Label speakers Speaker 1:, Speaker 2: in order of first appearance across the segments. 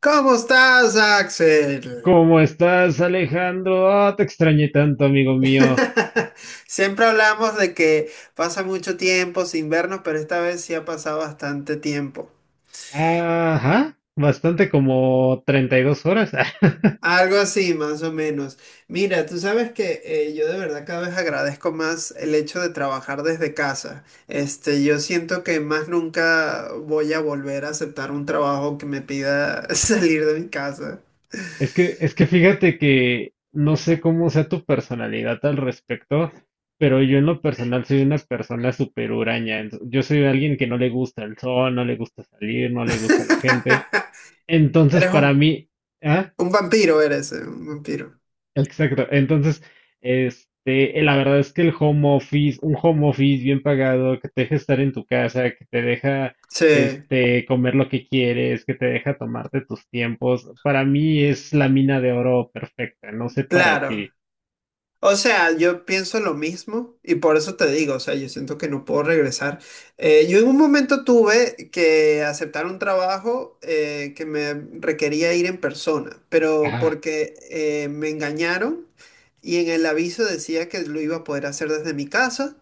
Speaker 1: ¿Cómo estás, Axel?
Speaker 2: ¿Cómo estás, Alejandro? Te extrañé tanto, amigo mío.
Speaker 1: Siempre hablamos de que pasa mucho tiempo sin vernos, pero esta vez sí ha pasado bastante tiempo.
Speaker 2: Ajá, bastante como 32 horas.
Speaker 1: Algo así, más o menos. Mira, tú sabes que yo de verdad cada vez agradezco más el hecho de trabajar desde casa. Este, yo siento que más nunca voy a volver a aceptar un trabajo que me pida salir de mi casa.
Speaker 2: Es que fíjate que no sé cómo sea tu personalidad al respecto, pero yo en lo personal soy una persona súper huraña. Yo soy alguien que no le gusta el sol, no le gusta salir, no le gusta la gente. Entonces,
Speaker 1: Eres
Speaker 2: para
Speaker 1: un,
Speaker 2: mí, ¿ah?
Speaker 1: un vampiro, eres un vampiro.
Speaker 2: Exacto. Entonces, la verdad es que el home office, un home office bien pagado, que te deja estar en tu casa, que te deja,
Speaker 1: Sí,
Speaker 2: comer lo que quieres, que te deja tomarte tus tiempos, para mí es la mina de oro perfecta. No sé para
Speaker 1: claro.
Speaker 2: ti.
Speaker 1: O sea, yo pienso lo mismo y por eso te digo, o sea, yo siento que no puedo regresar. Yo en un momento tuve que aceptar un trabajo que me requería ir en persona, pero
Speaker 2: Ajá,
Speaker 1: porque me engañaron y en el aviso decía que lo iba a poder hacer desde mi casa.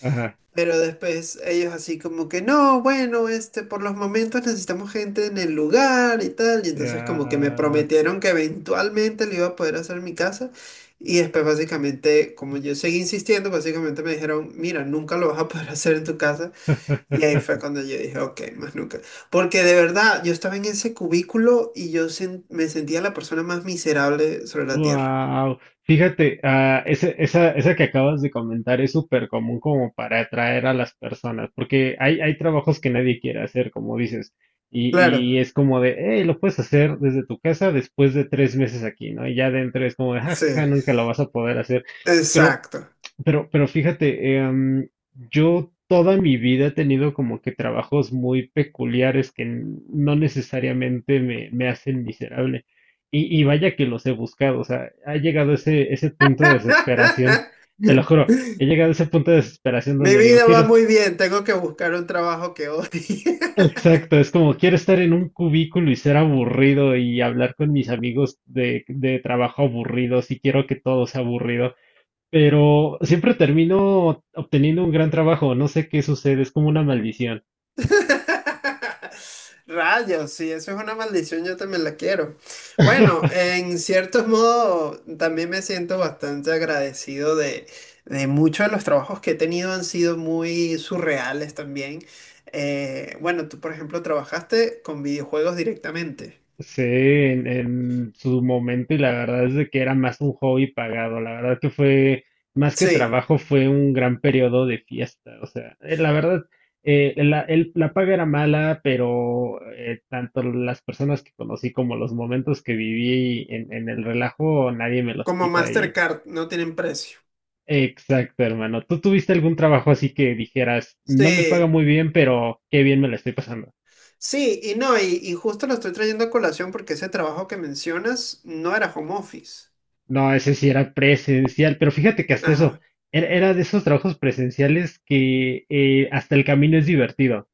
Speaker 2: ajá,
Speaker 1: Pero después ellos así como que no, bueno, este, por los momentos necesitamos gente en el lugar y tal. Y entonces como que me
Speaker 2: ah.
Speaker 1: prometieron que eventualmente le iba a poder hacer mi casa. Y después básicamente, como yo seguí insistiendo, básicamente me dijeron, mira, nunca lo vas a poder hacer en tu casa. Y ahí fue cuando yo dije, ok, más nunca. Porque de verdad, yo estaba en ese cubículo y yo me sentía la persona más miserable sobre la tierra.
Speaker 2: Wow, fíjate, esa que acabas de comentar es súper común como para atraer a las personas, porque hay trabajos que nadie quiere hacer, como dices,
Speaker 1: Claro,
Speaker 2: y es como de, hey, lo puedes hacer desde tu casa después de 3 meses aquí, ¿no? Y ya dentro es como de,
Speaker 1: sí,
Speaker 2: jaja, nunca lo vas a poder hacer. Pero,
Speaker 1: exacto.
Speaker 2: pero fíjate, yo toda mi vida he tenido como que trabajos muy peculiares que no necesariamente me hacen miserable. Y vaya que los he buscado, o sea, ha llegado ese punto de desesperación, te lo juro, he llegado a ese punto de desesperación
Speaker 1: Mi
Speaker 2: donde digo,
Speaker 1: vida
Speaker 2: quiero,
Speaker 1: va muy bien, tengo que buscar un trabajo que odie.
Speaker 2: exacto, es como quiero estar en un cubículo y ser aburrido y hablar con mis amigos de trabajo aburridos y quiero que todo sea aburrido, pero siempre termino obteniendo un gran trabajo, no sé qué sucede, es como una maldición.
Speaker 1: Rayos, sí, eso es una maldición, yo también la quiero. Bueno, en cierto modo, también me siento bastante agradecido de muchos de los trabajos que he tenido han sido muy surreales también. Bueno, tú, por ejemplo, trabajaste con videojuegos directamente.
Speaker 2: Sí, en su momento y la verdad es de que era más un hobby pagado, la verdad que fue más que
Speaker 1: Sí,
Speaker 2: trabajo, fue un gran periodo de fiesta, o sea, la verdad, la paga era mala, pero tanto las personas que conocí como los momentos que viví en el relajo, nadie me los
Speaker 1: como
Speaker 2: quita y...
Speaker 1: Mastercard, no tienen precio.
Speaker 2: Exacto, hermano. ¿Tú tuviste algún trabajo así que dijeras, no me paga
Speaker 1: Sí,
Speaker 2: muy bien, pero qué bien me la estoy pasando?
Speaker 1: sí, y no, y justo lo estoy trayendo a colación porque ese trabajo que mencionas no era home office.
Speaker 2: No, ese sí era presencial, pero fíjate que hasta
Speaker 1: Ajá,
Speaker 2: eso, era de esos trabajos presenciales que hasta el camino es divertido.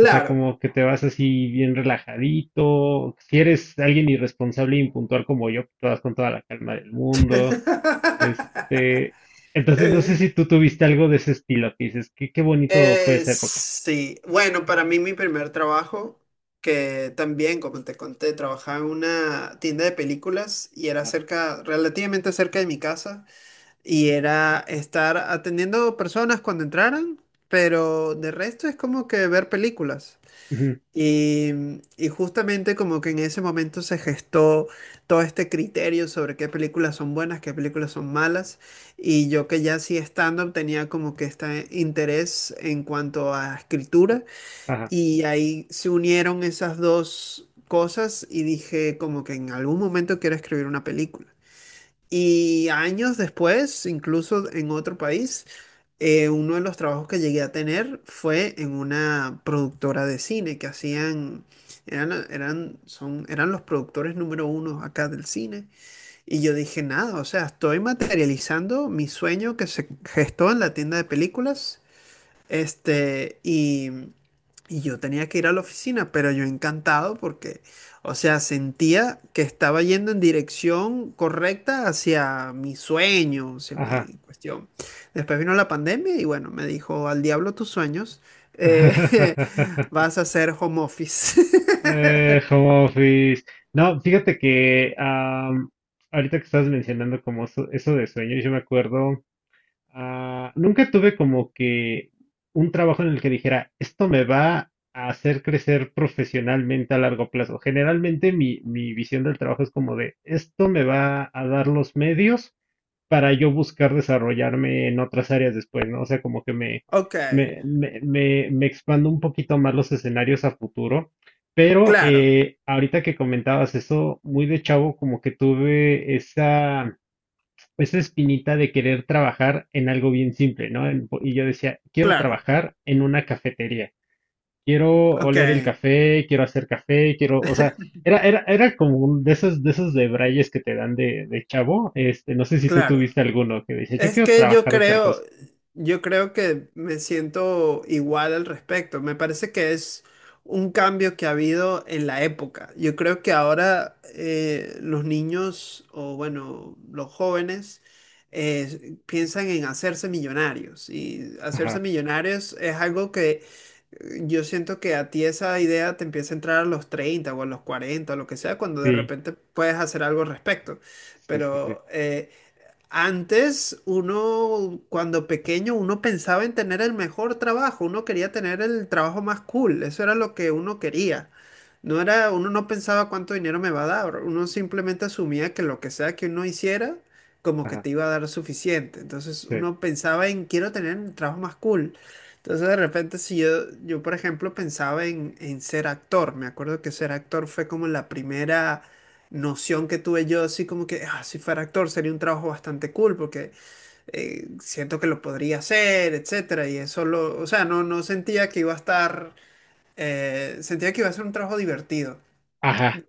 Speaker 2: O sea, como que te vas así bien relajadito. Si eres alguien irresponsable e impuntual como yo, te vas con toda la calma del mundo. Este, entonces no sé si tú tuviste algo de ese estilo que dices, qué bonito fue esa época.
Speaker 1: Sí, bueno, para mí mi primer trabajo, que también, como te conté, trabajaba en una tienda de películas y era
Speaker 2: Ajá.
Speaker 1: cerca, relativamente cerca de mi casa, y era estar atendiendo personas cuando entraran, pero de resto es como que ver películas.
Speaker 2: Ujú,
Speaker 1: Y, y justamente como que en ese momento se gestó todo este criterio sobre qué películas son buenas, qué películas son malas, y yo que ya hacía stand-up tenía como que este interés en cuanto a escritura,
Speaker 2: ajá,
Speaker 1: y ahí se unieron esas dos cosas y dije como que en algún momento quiero escribir una película. Y años después, incluso en otro país, uno de los trabajos que llegué a tener fue en una productora de cine que hacían, eran los productores número uno acá del cine. Y yo dije, nada, o sea, estoy materializando mi sueño que se gestó en la tienda de películas, este, y yo tenía que ir a la oficina, pero yo encantado porque, o sea, sentía que estaba yendo en dirección correcta hacia mi sueño, hacia
Speaker 2: ajá.
Speaker 1: mi cuestión. Después vino la pandemia y bueno, me dijo, al diablo tus sueños, eh, vas a hacer home office.
Speaker 2: Home office. No, fíjate que ahorita que estabas mencionando como eso de sueños, yo me acuerdo, ah, nunca tuve como que un trabajo en el que dijera, esto me va a hacer crecer profesionalmente a largo plazo. Generalmente mi visión del trabajo es como de, esto me va a dar los medios para yo buscar desarrollarme en otras áreas después, ¿no? O sea, como que
Speaker 1: Ok,
Speaker 2: me expando un poquito más los escenarios a futuro. Pero
Speaker 1: claro,
Speaker 2: ahorita que comentabas eso, muy de chavo, como que tuve esa espinita de querer trabajar en algo bien simple, ¿no? Y yo decía, quiero
Speaker 1: claro,
Speaker 2: trabajar en una cafetería, quiero
Speaker 1: ok,
Speaker 2: oler el café, quiero hacer café, quiero, o sea, era como un de esos debrayes que te dan de chavo. Este, no sé si tú
Speaker 1: claro.
Speaker 2: tuviste alguno que dice, yo
Speaker 1: Es
Speaker 2: quiero
Speaker 1: que
Speaker 2: trabajar de tal cosa.
Speaker 1: yo creo que me siento igual al respecto. Me parece que es un cambio que ha habido en la época. Yo creo que ahora los niños o bueno, los jóvenes piensan en hacerse millonarios, y hacerse
Speaker 2: Ajá,
Speaker 1: millonarios es algo que yo siento que a ti esa idea te empieza a entrar a los 30 o a los 40 o lo que sea, cuando de
Speaker 2: sí,
Speaker 1: repente puedes hacer algo al respecto.
Speaker 2: sí, sí, sí,
Speaker 1: Pero antes, uno, cuando pequeño, uno pensaba en tener el mejor trabajo, uno quería tener el trabajo más cool, eso era lo que uno quería. No era, uno no pensaba cuánto dinero me va a dar, uno simplemente asumía que lo que sea que uno hiciera, como que
Speaker 2: ajá,
Speaker 1: te iba a dar suficiente. Entonces
Speaker 2: sí,
Speaker 1: uno pensaba en quiero tener el trabajo más cool. Entonces de repente si yo, yo por ejemplo pensaba en ser actor, me acuerdo que ser actor fue como la primera noción que tuve yo, así como que "Ah, si fuera actor sería un trabajo bastante cool porque siento que lo podría hacer, etcétera". Y eso lo, o sea, no, no sentía que iba a estar, sentía que iba a ser un trabajo divertido,
Speaker 2: ajá,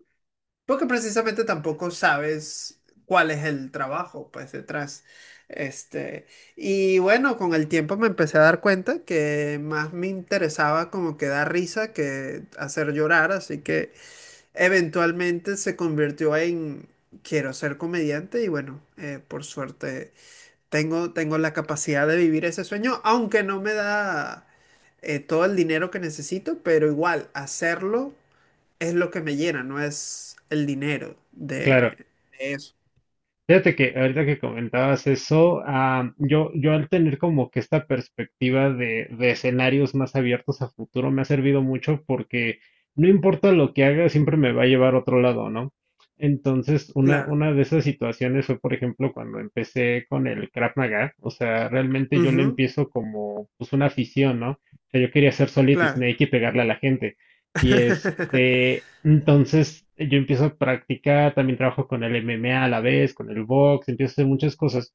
Speaker 1: porque precisamente tampoco sabes cuál es el trabajo, pues detrás. Este, y bueno, con el tiempo me empecé a dar cuenta que más me interesaba como que dar risa que hacer llorar, así que eventualmente se convirtió en quiero ser comediante. Y bueno, por suerte tengo la capacidad de vivir ese sueño, aunque no me da todo el dinero que necesito, pero igual hacerlo es lo que me llena, no es el dinero
Speaker 2: claro.
Speaker 1: de eso.
Speaker 2: Fíjate que ahorita que comentabas eso, ah, yo al tener como que esta perspectiva de escenarios más abiertos a futuro me ha servido mucho porque no importa lo que haga, siempre me va a llevar a otro lado, ¿no? Entonces,
Speaker 1: Claro.
Speaker 2: una de esas situaciones fue, por ejemplo, cuando empecé con el Krav Maga, o sea, realmente yo lo
Speaker 1: Ujú,
Speaker 2: empiezo como pues una afición, ¿no? O sea, yo quería ser Solid
Speaker 1: claro.
Speaker 2: Snake y pegarle a la gente. Y este, entonces yo empiezo a practicar, también trabajo con el MMA a la vez, con el box, empiezo a hacer muchas cosas.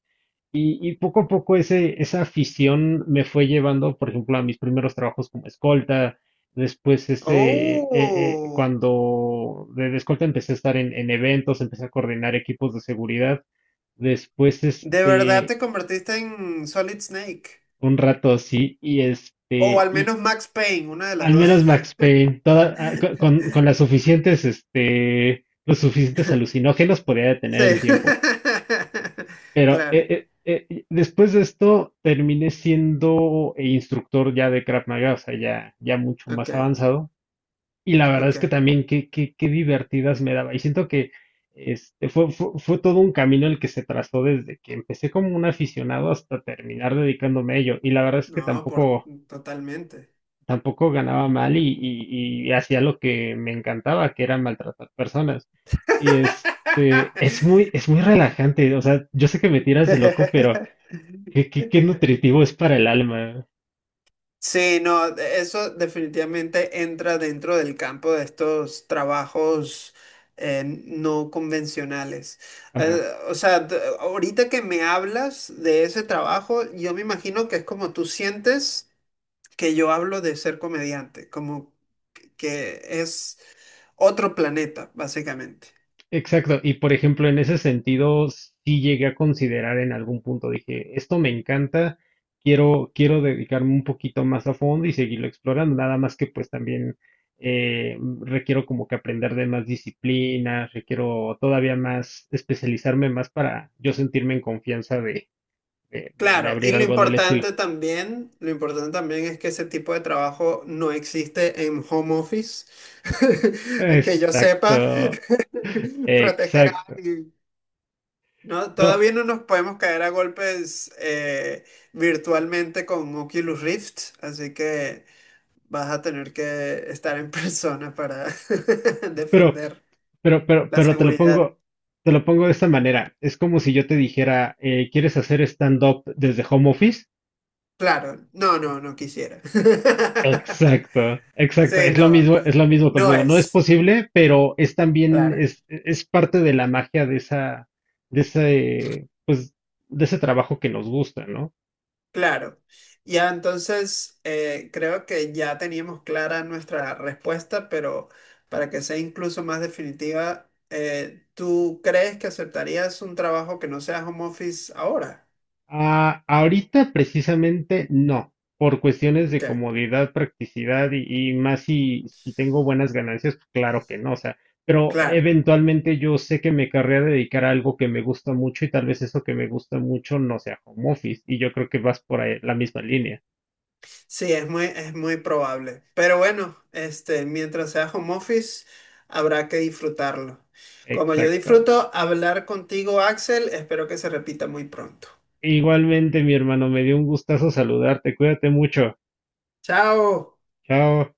Speaker 2: Y poco a poco esa afición me fue llevando, por ejemplo, a mis primeros trabajos como escolta. Después
Speaker 1: Oh,
Speaker 2: cuando de escolta empecé a estar en eventos, empecé a coordinar equipos de seguridad. Después,
Speaker 1: de verdad
Speaker 2: este,
Speaker 1: te convertiste en Solid Snake.
Speaker 2: un rato así, y
Speaker 1: O
Speaker 2: este,
Speaker 1: al
Speaker 2: y
Speaker 1: menos Max Payne, una de las
Speaker 2: al
Speaker 1: dos.
Speaker 2: menos Max Payne, con las suficientes, este, los suficientes alucinógenos podía detener
Speaker 1: Sí.
Speaker 2: el tiempo. Pero
Speaker 1: Claro.
Speaker 2: después de esto terminé siendo instructor ya de Krav Maga, o sea, ya mucho
Speaker 1: Ok,
Speaker 2: más avanzado. Y la verdad
Speaker 1: ok.
Speaker 2: es que también qué divertidas me daba. Y siento que fue todo un camino el que se trazó desde que empecé como un aficionado hasta terminar dedicándome a ello. Y la verdad es que
Speaker 1: No, por totalmente.
Speaker 2: tampoco ganaba mal y hacía lo que me encantaba, que era maltratar personas. Y este, es muy relajante, o sea, yo sé que me tiras de loco, pero qué nutritivo es para el alma.
Speaker 1: Sí, no, eso definitivamente entra dentro del campo de estos trabajos no convencionales. Eh,
Speaker 2: Ajá.
Speaker 1: o sea, ahorita que me hablas de ese trabajo, yo me imagino que es como tú sientes que yo hablo de ser comediante, como que es... otro planeta, básicamente.
Speaker 2: Exacto, y por ejemplo, en ese sentido, sí llegué a considerar en algún punto, dije, esto me encanta, quiero dedicarme un poquito más a fondo y seguirlo explorando, nada más que pues también requiero como que aprender de más disciplinas, requiero todavía más especializarme más para yo sentirme en confianza de
Speaker 1: Claro, y
Speaker 2: abrir algo del estilo.
Speaker 1: lo importante también es que ese tipo de trabajo no existe en home office, que yo sepa,
Speaker 2: Exacto,
Speaker 1: proteger a
Speaker 2: exacto.
Speaker 1: alguien. No,
Speaker 2: No,
Speaker 1: todavía no nos podemos caer a golpes virtualmente con Oculus Rift, así que vas a tener que estar en persona para
Speaker 2: pero
Speaker 1: defender
Speaker 2: Pero, pero,
Speaker 1: la
Speaker 2: pero
Speaker 1: seguridad.
Speaker 2: te lo pongo de esta manera. Es como si yo te dijera, ¿quieres hacer stand-up desde home office?
Speaker 1: Claro, no, no, no quisiera.
Speaker 2: Exacto, exacto.
Speaker 1: Sí, no.
Speaker 2: Es lo mismo
Speaker 1: No
Speaker 2: conmigo. No es
Speaker 1: es
Speaker 2: posible, pero es también,
Speaker 1: clara,
Speaker 2: es parte de la magia de esa, de ese, pues, de ese trabajo que nos gusta, ¿no?
Speaker 1: claro. Ya entonces creo que ya teníamos clara nuestra respuesta, pero para que sea incluso más definitiva, ¿tú crees que aceptarías un trabajo que no sea home office ahora?
Speaker 2: Ah, ahorita precisamente no, por cuestiones de
Speaker 1: Ok,
Speaker 2: comodidad, practicidad y más si, si tengo buenas ganancias, pues claro que no, o sea, pero
Speaker 1: claro.
Speaker 2: eventualmente yo sé que me querría dedicar a algo que me gusta mucho y tal vez eso que me gusta mucho no sea home office y yo creo que vas por ahí, la misma línea.
Speaker 1: Sí, es es muy probable. Pero bueno, este, mientras sea home office, habrá que disfrutarlo. Como yo
Speaker 2: Exacto.
Speaker 1: disfruto hablar contigo, Axel, espero que se repita muy pronto.
Speaker 2: Igualmente, mi hermano, me dio un gustazo saludarte, cuídate mucho.
Speaker 1: Chao.
Speaker 2: Chao.